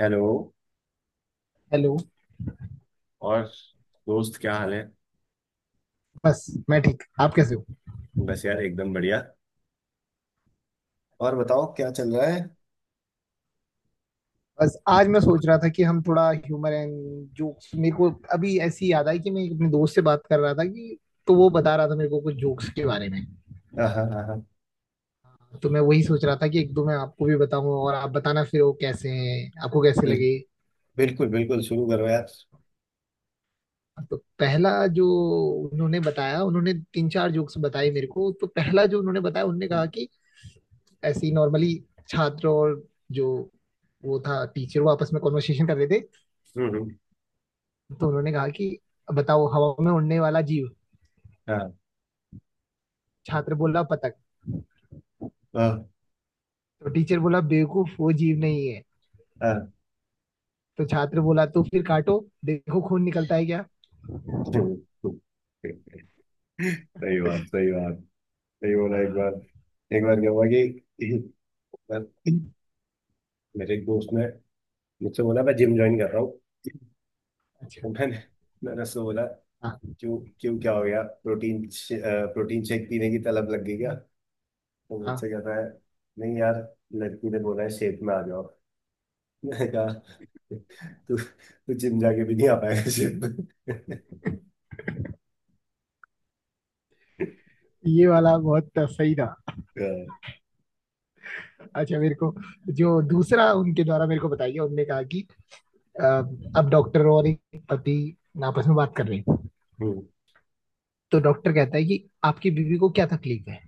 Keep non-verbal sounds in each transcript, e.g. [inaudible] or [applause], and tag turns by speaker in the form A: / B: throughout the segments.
A: Hello.
B: Hello.
A: और दोस्त क्या हाल है?
B: बस मैं ठीक। आप कैसे हो?
A: बस यार एकदम बढ़िया। और बताओ क्या चल रहा है?
B: बस आज मैं सोच रहा था कि हम थोड़ा ह्यूमर एंड जोक्स। मेरे को अभी ऐसी याद आई कि मैं अपने दोस्त से बात कर रहा था, कि तो वो बता रहा था मेरे को कुछ जोक्स के बारे में।
A: हाँ हाँ हाँ हाँ,
B: तो मैं वही सोच रहा था कि एक दो मैं आपको भी बताऊं, और आप बताना फिर वो कैसे हैं, आपको कैसे
A: बिल,
B: लगे।
A: बिल्कुल बिल्कुल, शुरू करो यार।
B: तो पहला जो उन्होंने बताया, उन्होंने तीन चार जोक्स बताए मेरे को। तो पहला जो उन्होंने बताया, उन्होंने कहा कि ऐसे ही नॉर्मली छात्र और जो वो था टीचर, वो आपस में कॉन्वर्सेशन कर रहे थे।
A: हम्म।
B: तो उन्होंने कहा कि बताओ हवा में उड़ने वाला जीव।
A: हाँ
B: छात्र बोला पतंग।
A: हाँ
B: तो टीचर बोला बेवकूफ वो जीव नहीं है।
A: हाँ।
B: तो छात्र बोला तो फिर काटो, देखो खून निकलता है क्या।
A: हम्म, हम्म। सही बात सही बात। सही बोला। एक बार, एक बार क्या हुआ कि एक बार मेरे एक दोस्त ने मुझसे बोला मैं जिम ज्वाइन कर रहा हूँ। तो
B: अच्छा।
A: मैंने मैंने उससे बोला
B: हाँ
A: क्यों क्यों क्या हो गया? प्रोटीन प्रोटीन शेक पीने की तलब लग गई क्या? तो
B: हाँ।
A: मुझसे कह रहा है नहीं यार, लड़की ने बोला है शेप में आ जाओ। मैंने कहा तू तू जिम जाके भी नहीं आ पाएगा शेप में।
B: ये वाला बहुत सही था।
A: हाँ।
B: अच्छा मेरे को जो दूसरा उनके द्वारा मेरे को बताया गया, उनने कहा कि अ, अब डॉक्टर और एक पति आपस में बात कर रहे हैं।
A: हम्म।
B: तो डॉक्टर कहता है कि आपकी बीवी को क्या तकलीफ है।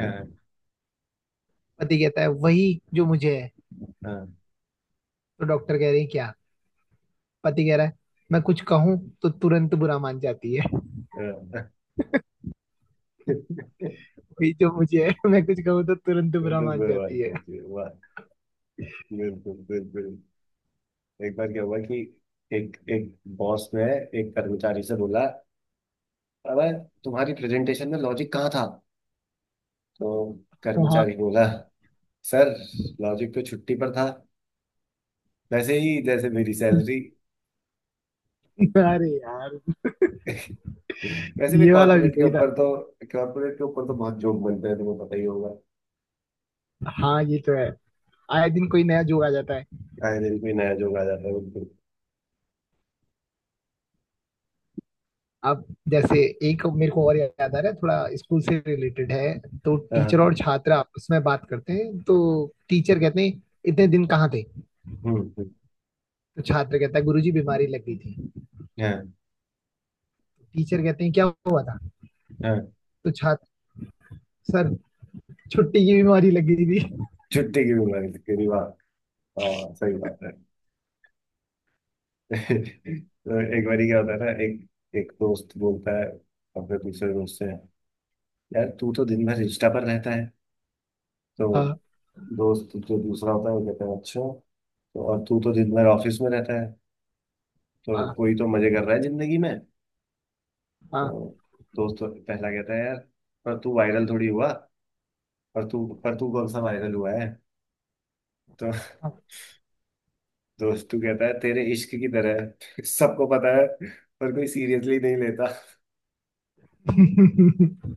A: हाँ।
B: पति कहता है वही जो मुझे है।
A: हाँ।
B: तो डॉक्टर कह रहे हैं क्या। पति कह रहा है मैं कुछ कहूं तो तुरंत बुरा मान जाती है।
A: हाँ।
B: वही जो मुझे [laughs] है मैं कुछ कहूँ तो तुरंत बुरा
A: बिल्कुल
B: मान
A: बेवफाई
B: जाती है।
A: करती है, वाह। बिल्कुल बिल्कुल। एक बार क्या हुआ कि एक एक बॉस ने एक कर्मचारी से बोला अबे, तुम्हारी प्रेजेंटेशन में लॉजिक कहाँ था? तो
B: हाँ।
A: कर्मचारी बोला सर, लॉजिक तो छुट्टी पर था, वैसे ही जैसे मेरी सैलरी।
B: अरे यार
A: [laughs] वैसे भी
B: ये वाला भी
A: कॉर्पोरेट के
B: सही
A: ऊपर
B: था।
A: तो कॉर्पोरेट के ऊपर तो बहुत जोक बनते हैं, तुम्हें पता ही होगा।
B: हाँ ये तो है। आए दिन कोई नया जोक आ जाता है।
A: आए दिन कोई नया जोक आ जाता है, बिल्कुल।
B: अब जैसे एक मेरे को और याद आ रहा है, थोड़ा स्कूल से रिलेटेड है। तो टीचर
A: हाँ।
B: और छात्र आपस में बात करते हैं। तो टीचर कहते हैं इतने दिन कहाँ थे।
A: हम्म।
B: तो छात्र कहता है गुरुजी बीमारी लग गई थी।
A: हाँ
B: टीचर कहते हैं क्या हुआ था।
A: हाँ।
B: तो छात्र सर छुट्टी की बीमारी लग गई थी।
A: छुट्टी की बीमारी की रिवाज। हाँ सही बात है। [laughs] तो एक बारी क्या होता है ना, एक एक दोस्त बोलता है अपने दूसरे दोस्त से यार तू तो दिन भर इंस्टा पर रहता है। तो
B: हाँ
A: दोस्त जो दूसरा होता है वो कहता है अच्छा, तो और तू तो दिन भर ऑफिस में रहता है, तो
B: हाँ
A: कोई तो मजे कर रहा है जिंदगी में। तो
B: हाँ
A: दोस्त तो पहला कहता है यार, पर तू वायरल थोड़ी हुआ, पर तू पर तू कौन सा वायरल हुआ है? तो [laughs] दोस्त तू कहता है तेरे इश्क की तरह है। [laughs] सबको पता है पर कोई सीरियसली नहीं लेता। [laughs]
B: हाँ।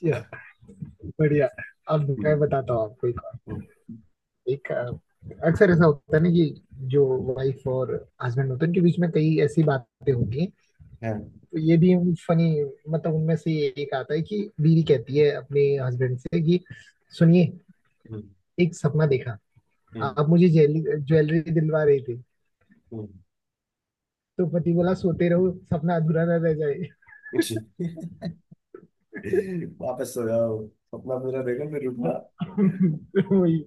B: [laughs] बढ़िया। अब मैं
A: हम्म
B: बताता हूँ आपको एक और।
A: हम्म।
B: एक अक्सर ऐसा होता है ना कि जो वाइफ और हस्बैंड होते हैं उनके बीच में कई ऐसी बातें होती हैं। तो ये भी फनी मतलब उनमें से एक आता है कि बीवी कहती है अपने हस्बैंड से कि सुनिए,
A: हम्म।
B: एक सपना देखा,
A: हम्म।
B: आप मुझे ज्वेलरी ज्वेलरी दिलवा रहे थे।
A: हम्म।
B: तो पति बोला सोते रहो सपना अधूरा ना रह जाए।
A: [laughs] वापस सो जाओ, अपना पूरा देखो फिर उठना। [laughs]
B: [laughs] वही।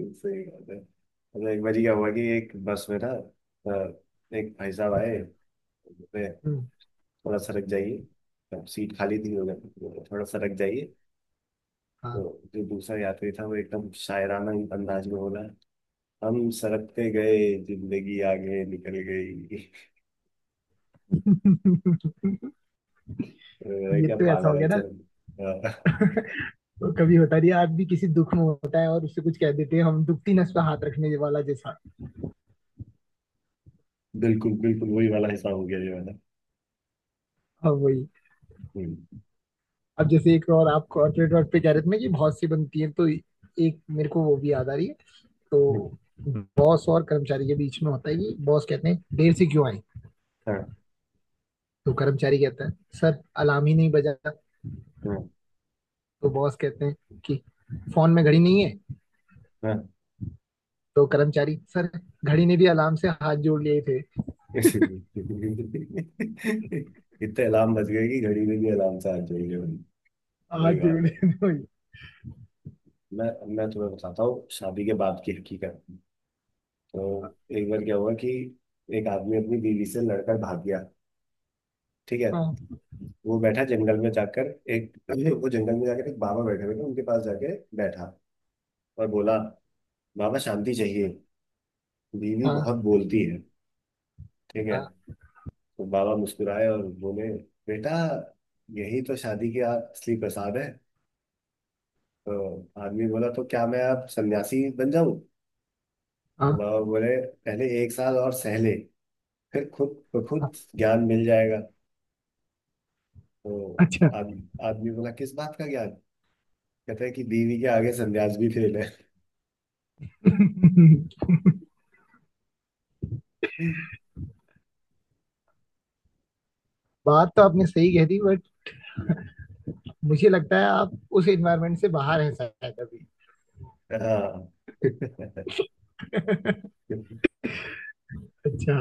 A: सही बात है। मतलब एक बार क्या हुआ कि एक बस में ना, अ, एक भाई साहब आए, बोले
B: हम्म।
A: थोड़ा सरक जाइए। अब सीट खाली थी, उन्होंने बोला, थोड़ा सरक जाइए। जो
B: हाँ।
A: जो दूसरा यात्री था वो एकदम शायराना अंदाज में बोला हम सरकते गए, जिंदगी आगे निकल गई। [laughs]
B: [laughs]
A: अरे
B: ये
A: क्या
B: तो ऐसा
A: पागल
B: हो
A: है
B: गया ना।
A: चल। [laughs] अ,
B: तो कभी होता नहीं है, आदमी किसी दुख में होता है और उससे कुछ कह देते हैं, हम दुखती नस पे हाथ रखने वाला जैसा।
A: बिल्कुल बिल्कुल, वही वाला हिसाब हो गया ये वाला।
B: हाँ वही।
A: हम्म,
B: अब जैसे एक और आप कॉर्पोरेट वर्ल्ड पे कह रहे थे ना कि बहुत सी बनती है, तो एक मेरे को वो भी याद आ रही है।
A: हम्म।
B: तो बॉस और कर्मचारी के बीच में होता है कि बॉस कहते हैं देर से क्यों आए।
A: हाँ
B: तो कर्मचारी कहता है सर अलार्म ही नहीं बजा।
A: हाँ
B: तो बॉस कहते हैं कि फोन में घड़ी नहीं है।
A: हाँ।
B: तो कर्मचारी सर घड़ी ने भी अलार्म से हाथ जोड़ लिए थे।
A: [laughs] इतने अलार्म बज गए कि घड़ी में भी अलार्म से आ जाएंगे।
B: हाथ
A: सही
B: जोड़
A: बात है।
B: लिए थे वही।
A: मैं तुम्हें बताता हूँ शादी के बाद की हकीकत। तो एक बार क्या हुआ कि एक आदमी अपनी बीवी से लड़कर भाग गया, ठीक है।
B: हाँ
A: वो बैठा जंगल में जाकर, एक वो जंगल में जाकर एक बाबा बैठे हुए थे उनके पास जाके बैठा और बोला बाबा शांति चाहिए, बीवी
B: हाँ
A: बहुत बोलती है, ठीक है।
B: हाँ
A: तो बाबा मुस्कुराए और बोले बेटा, यही तो शादी की असली प्रसाद है। तो आदमी बोला तो क्या मैं अब सन्यासी बन जाऊं? तो
B: हाँ
A: बाबा बोले पहले एक साल और सह ले, फिर खुद
B: हाँ।
A: खुद ज्ञान मिल जाएगा। तो
B: अच्छा।
A: आदमी बोला किस बात का ज्ञान? कहता है कि बीवी के आगे सन्यास भी फेल
B: [laughs]
A: है।
B: बात तो आपने सही कह दी बट
A: [laughs]
B: मुझे लगता है आप उस एनवायरमेंट से बाहर हैं शायद अभी। अच्छा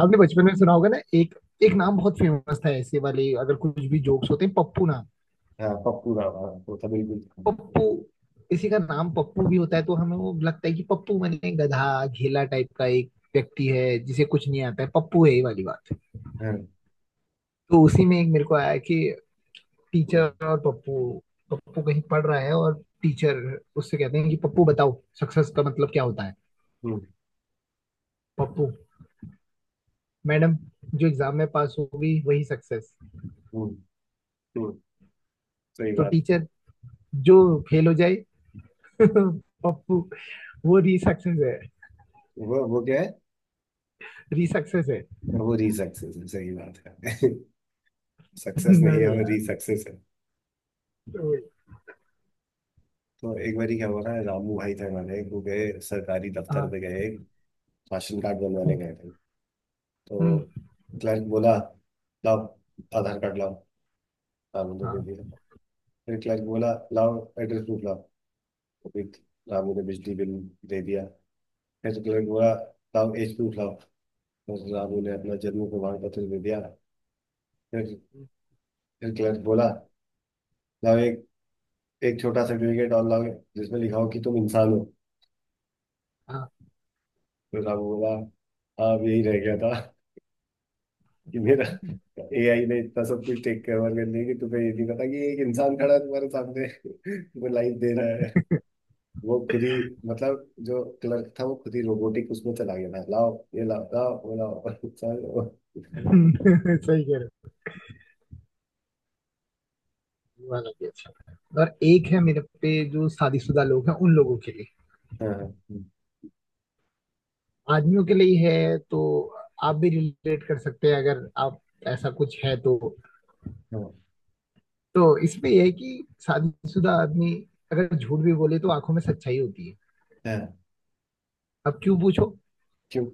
B: आपने बचपन में सुना होगा ना, एक एक नाम बहुत फेमस था, ऐसे वाले अगर कुछ भी जोक्स होते हैं, पप्पू नाम।
A: ああ。ああ、ポップだわ。こう食べるべきかもうん。うん。うん。うん。うん。सही
B: पप्पू। किसी का नाम पप्पू भी होता है तो हमें वो लगता है कि पप्पू मैंने गधा घेला टाइप का एक व्यक्ति है जिसे कुछ नहीं आता है पप्पू है, ये वाली बात। तो उसी में एक मेरे को आया कि टीचर और पप्पू। पप्पू कहीं पढ़ रहा है और टीचर उससे कहते हैं कि पप्पू बताओ सक्सेस का मतलब क्या होता है। पप्पू, मैडम जो एग्जाम में पास होगी वही सक्सेस।
A: [laughs]
B: तो
A: बात।
B: टीचर जो फेल हो जाए [laughs] पप्पू वो री सक्सेस है।
A: वो क्या है,
B: री सक्सेस है। [laughs]
A: वो री सक्सेस है, सही बात है। [laughs] सक्सेस नहीं है,
B: अरे
A: वो
B: यार।
A: री सक्सेस है।
B: तो-
A: तो एक बार क्या हुआ था, रामू भाई थे हमारे, वो गए सरकारी दफ्तर
B: हाँ।
A: पे गए राशन कार्ड बनवाने
B: हम्म।
A: गए थे। तो
B: हम्म।
A: क्लर्क बोला लाओ, आधार कार्ड लाओ। रामू ने दे
B: हाँ
A: दिया। फिर क्लर्क बोला लाओ एड्रेस प्रूफ लाओ। तो फिर रामू ने बिजली बिल दे दिया। एक्सक्लेम हुआ, साहब एच टू साहब, डॉक्टर साहब ने अपना जन्म प्रमाण पत्र दे दिया। फिर फिर क्लर्क बोला लाओ, एक एक छोटा सर्टिफिकेट और लाओ जिसमें लिखा हो कि तुम इंसान हो।
B: हाँ।
A: तो साहब बोला हाँ, अब यही रह गया था कि मेरा एआई ने इतना सब कुछ टेक कवर कर लिया कि तुम्हें ये नहीं पता कि एक इंसान खड़ा है तुम्हारे सामने। [laughs] वो लाइफ दे रहा है, वो खुद ही, मतलब जो क्लर्क था वो खुद ही रोबोटिक उसमें चला गया था, लाओ ये लाओ, लाओ वो लाओ। [laughs] सारे वो-
B: हम्म। [laughs] सही कह रहे हो। ये वाला भी अच्छा था। और एक है मेरे पे जो शादीशुदा लोग हैं उन लोगों के लिए,
A: हाँ हाँ
B: आदमियों के लिए है। तो आप भी रिलेट कर सकते हैं अगर आप ऐसा कुछ है तो।
A: हाँ
B: तो इसमें यह है कि शादीशुदा आदमी अगर झूठ भी बोले तो आंखों में सच्चाई होती है।
A: हाँ,
B: अब क्यों पूछो।
A: क्यों।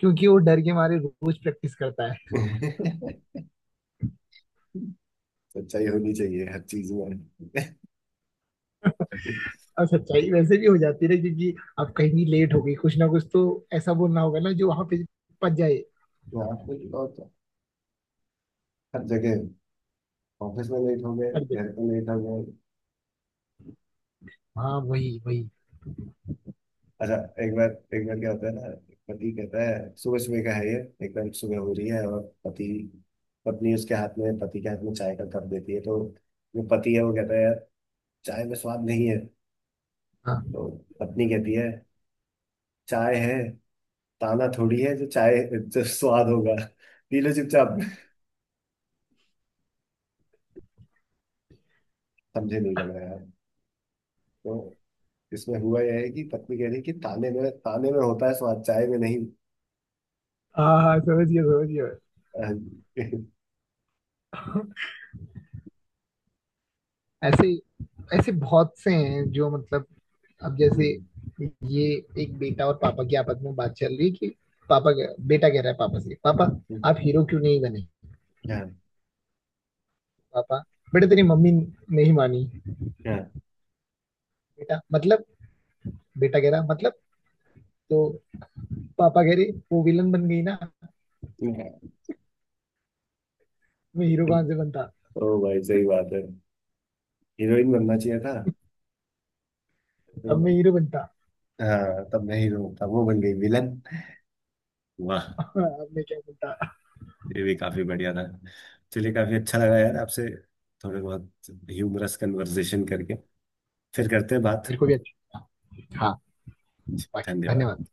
B: क्योंकि वो डर के मारे रोज प्रैक्टिस करता है।
A: [laughs] सच्चाई होनी चाहिए हर चीज में।
B: और सच्चाई वैसे भी हो जाती है ना क्योंकि अब कहीं लेट हो गई कुछ ना कुछ, तो ऐसा बोलना होगा ना जो वहां पे पच जाए।
A: यहाँ पे और तो। हर जगह ऑफिस में लेट हो गए,
B: हर जगह।
A: घर पे लेट हो गए।
B: हाँ वही वही।
A: अच्छा, एक बार, एक बार क्या होता है ना, पति कहता है, सुबह सुबह का है ये, एकदम सुबह हो रही है और पति पत्नी उसके हाथ में पति के हाथ में चाय का कप देती है तो जो पति है वो कहता है यार, चाय में स्वाद नहीं है।
B: हाँ
A: तो पत्नी कहती है चाय है, ताना थोड़ी है जो चाय जो स्वाद होगा, पी लो चुपचाप। समझे नहीं लग रहा यार। तो इसमें हुआ यह है कि पत्नी कह रही कि ताने में होता है स्वाद, चाय में नहीं।
B: हाँ हाँ, समझ गया समझ गया।
A: अह,
B: ऐसे ऐसे बहुत से हैं जो मतलब अब जैसे
A: हम्म,
B: ये एक बेटा और पापा की आपस में बात चल रही है कि बेटा कह रहा है पापा से, पापा
A: हम्म।
B: आप हीरो क्यों नहीं बने।
A: हाँ
B: पापा, बेटा तेरी मम्मी नहीं मानी।
A: हाँ।
B: बेटा मतलब बेटा कह रहा मतलब, तो पापा कह रहे वो विलन बन गई ना।
A: हम्म।
B: मैं हीरो कहाँ से बनता।
A: ओ भाई सही बात है, हीरोइन बनना चाहिए था।
B: तब मैं
A: तो
B: हीरो बनता।
A: हाँ तब मैं हीरो था, वो बन गई विलन। वाह।
B: [laughs] अब मैं क्या बनता।
A: ये भी काफी बढ़िया था। चलिए काफी अच्छा लगा यार आपसे, थोड़े बहुत ह्यूमरस कन्वर्सेशन करके। फिर करते हैं बात।
B: मेरे को भी अच्छा। हाँ। बाकी
A: धन्यवाद।
B: धन्यवाद।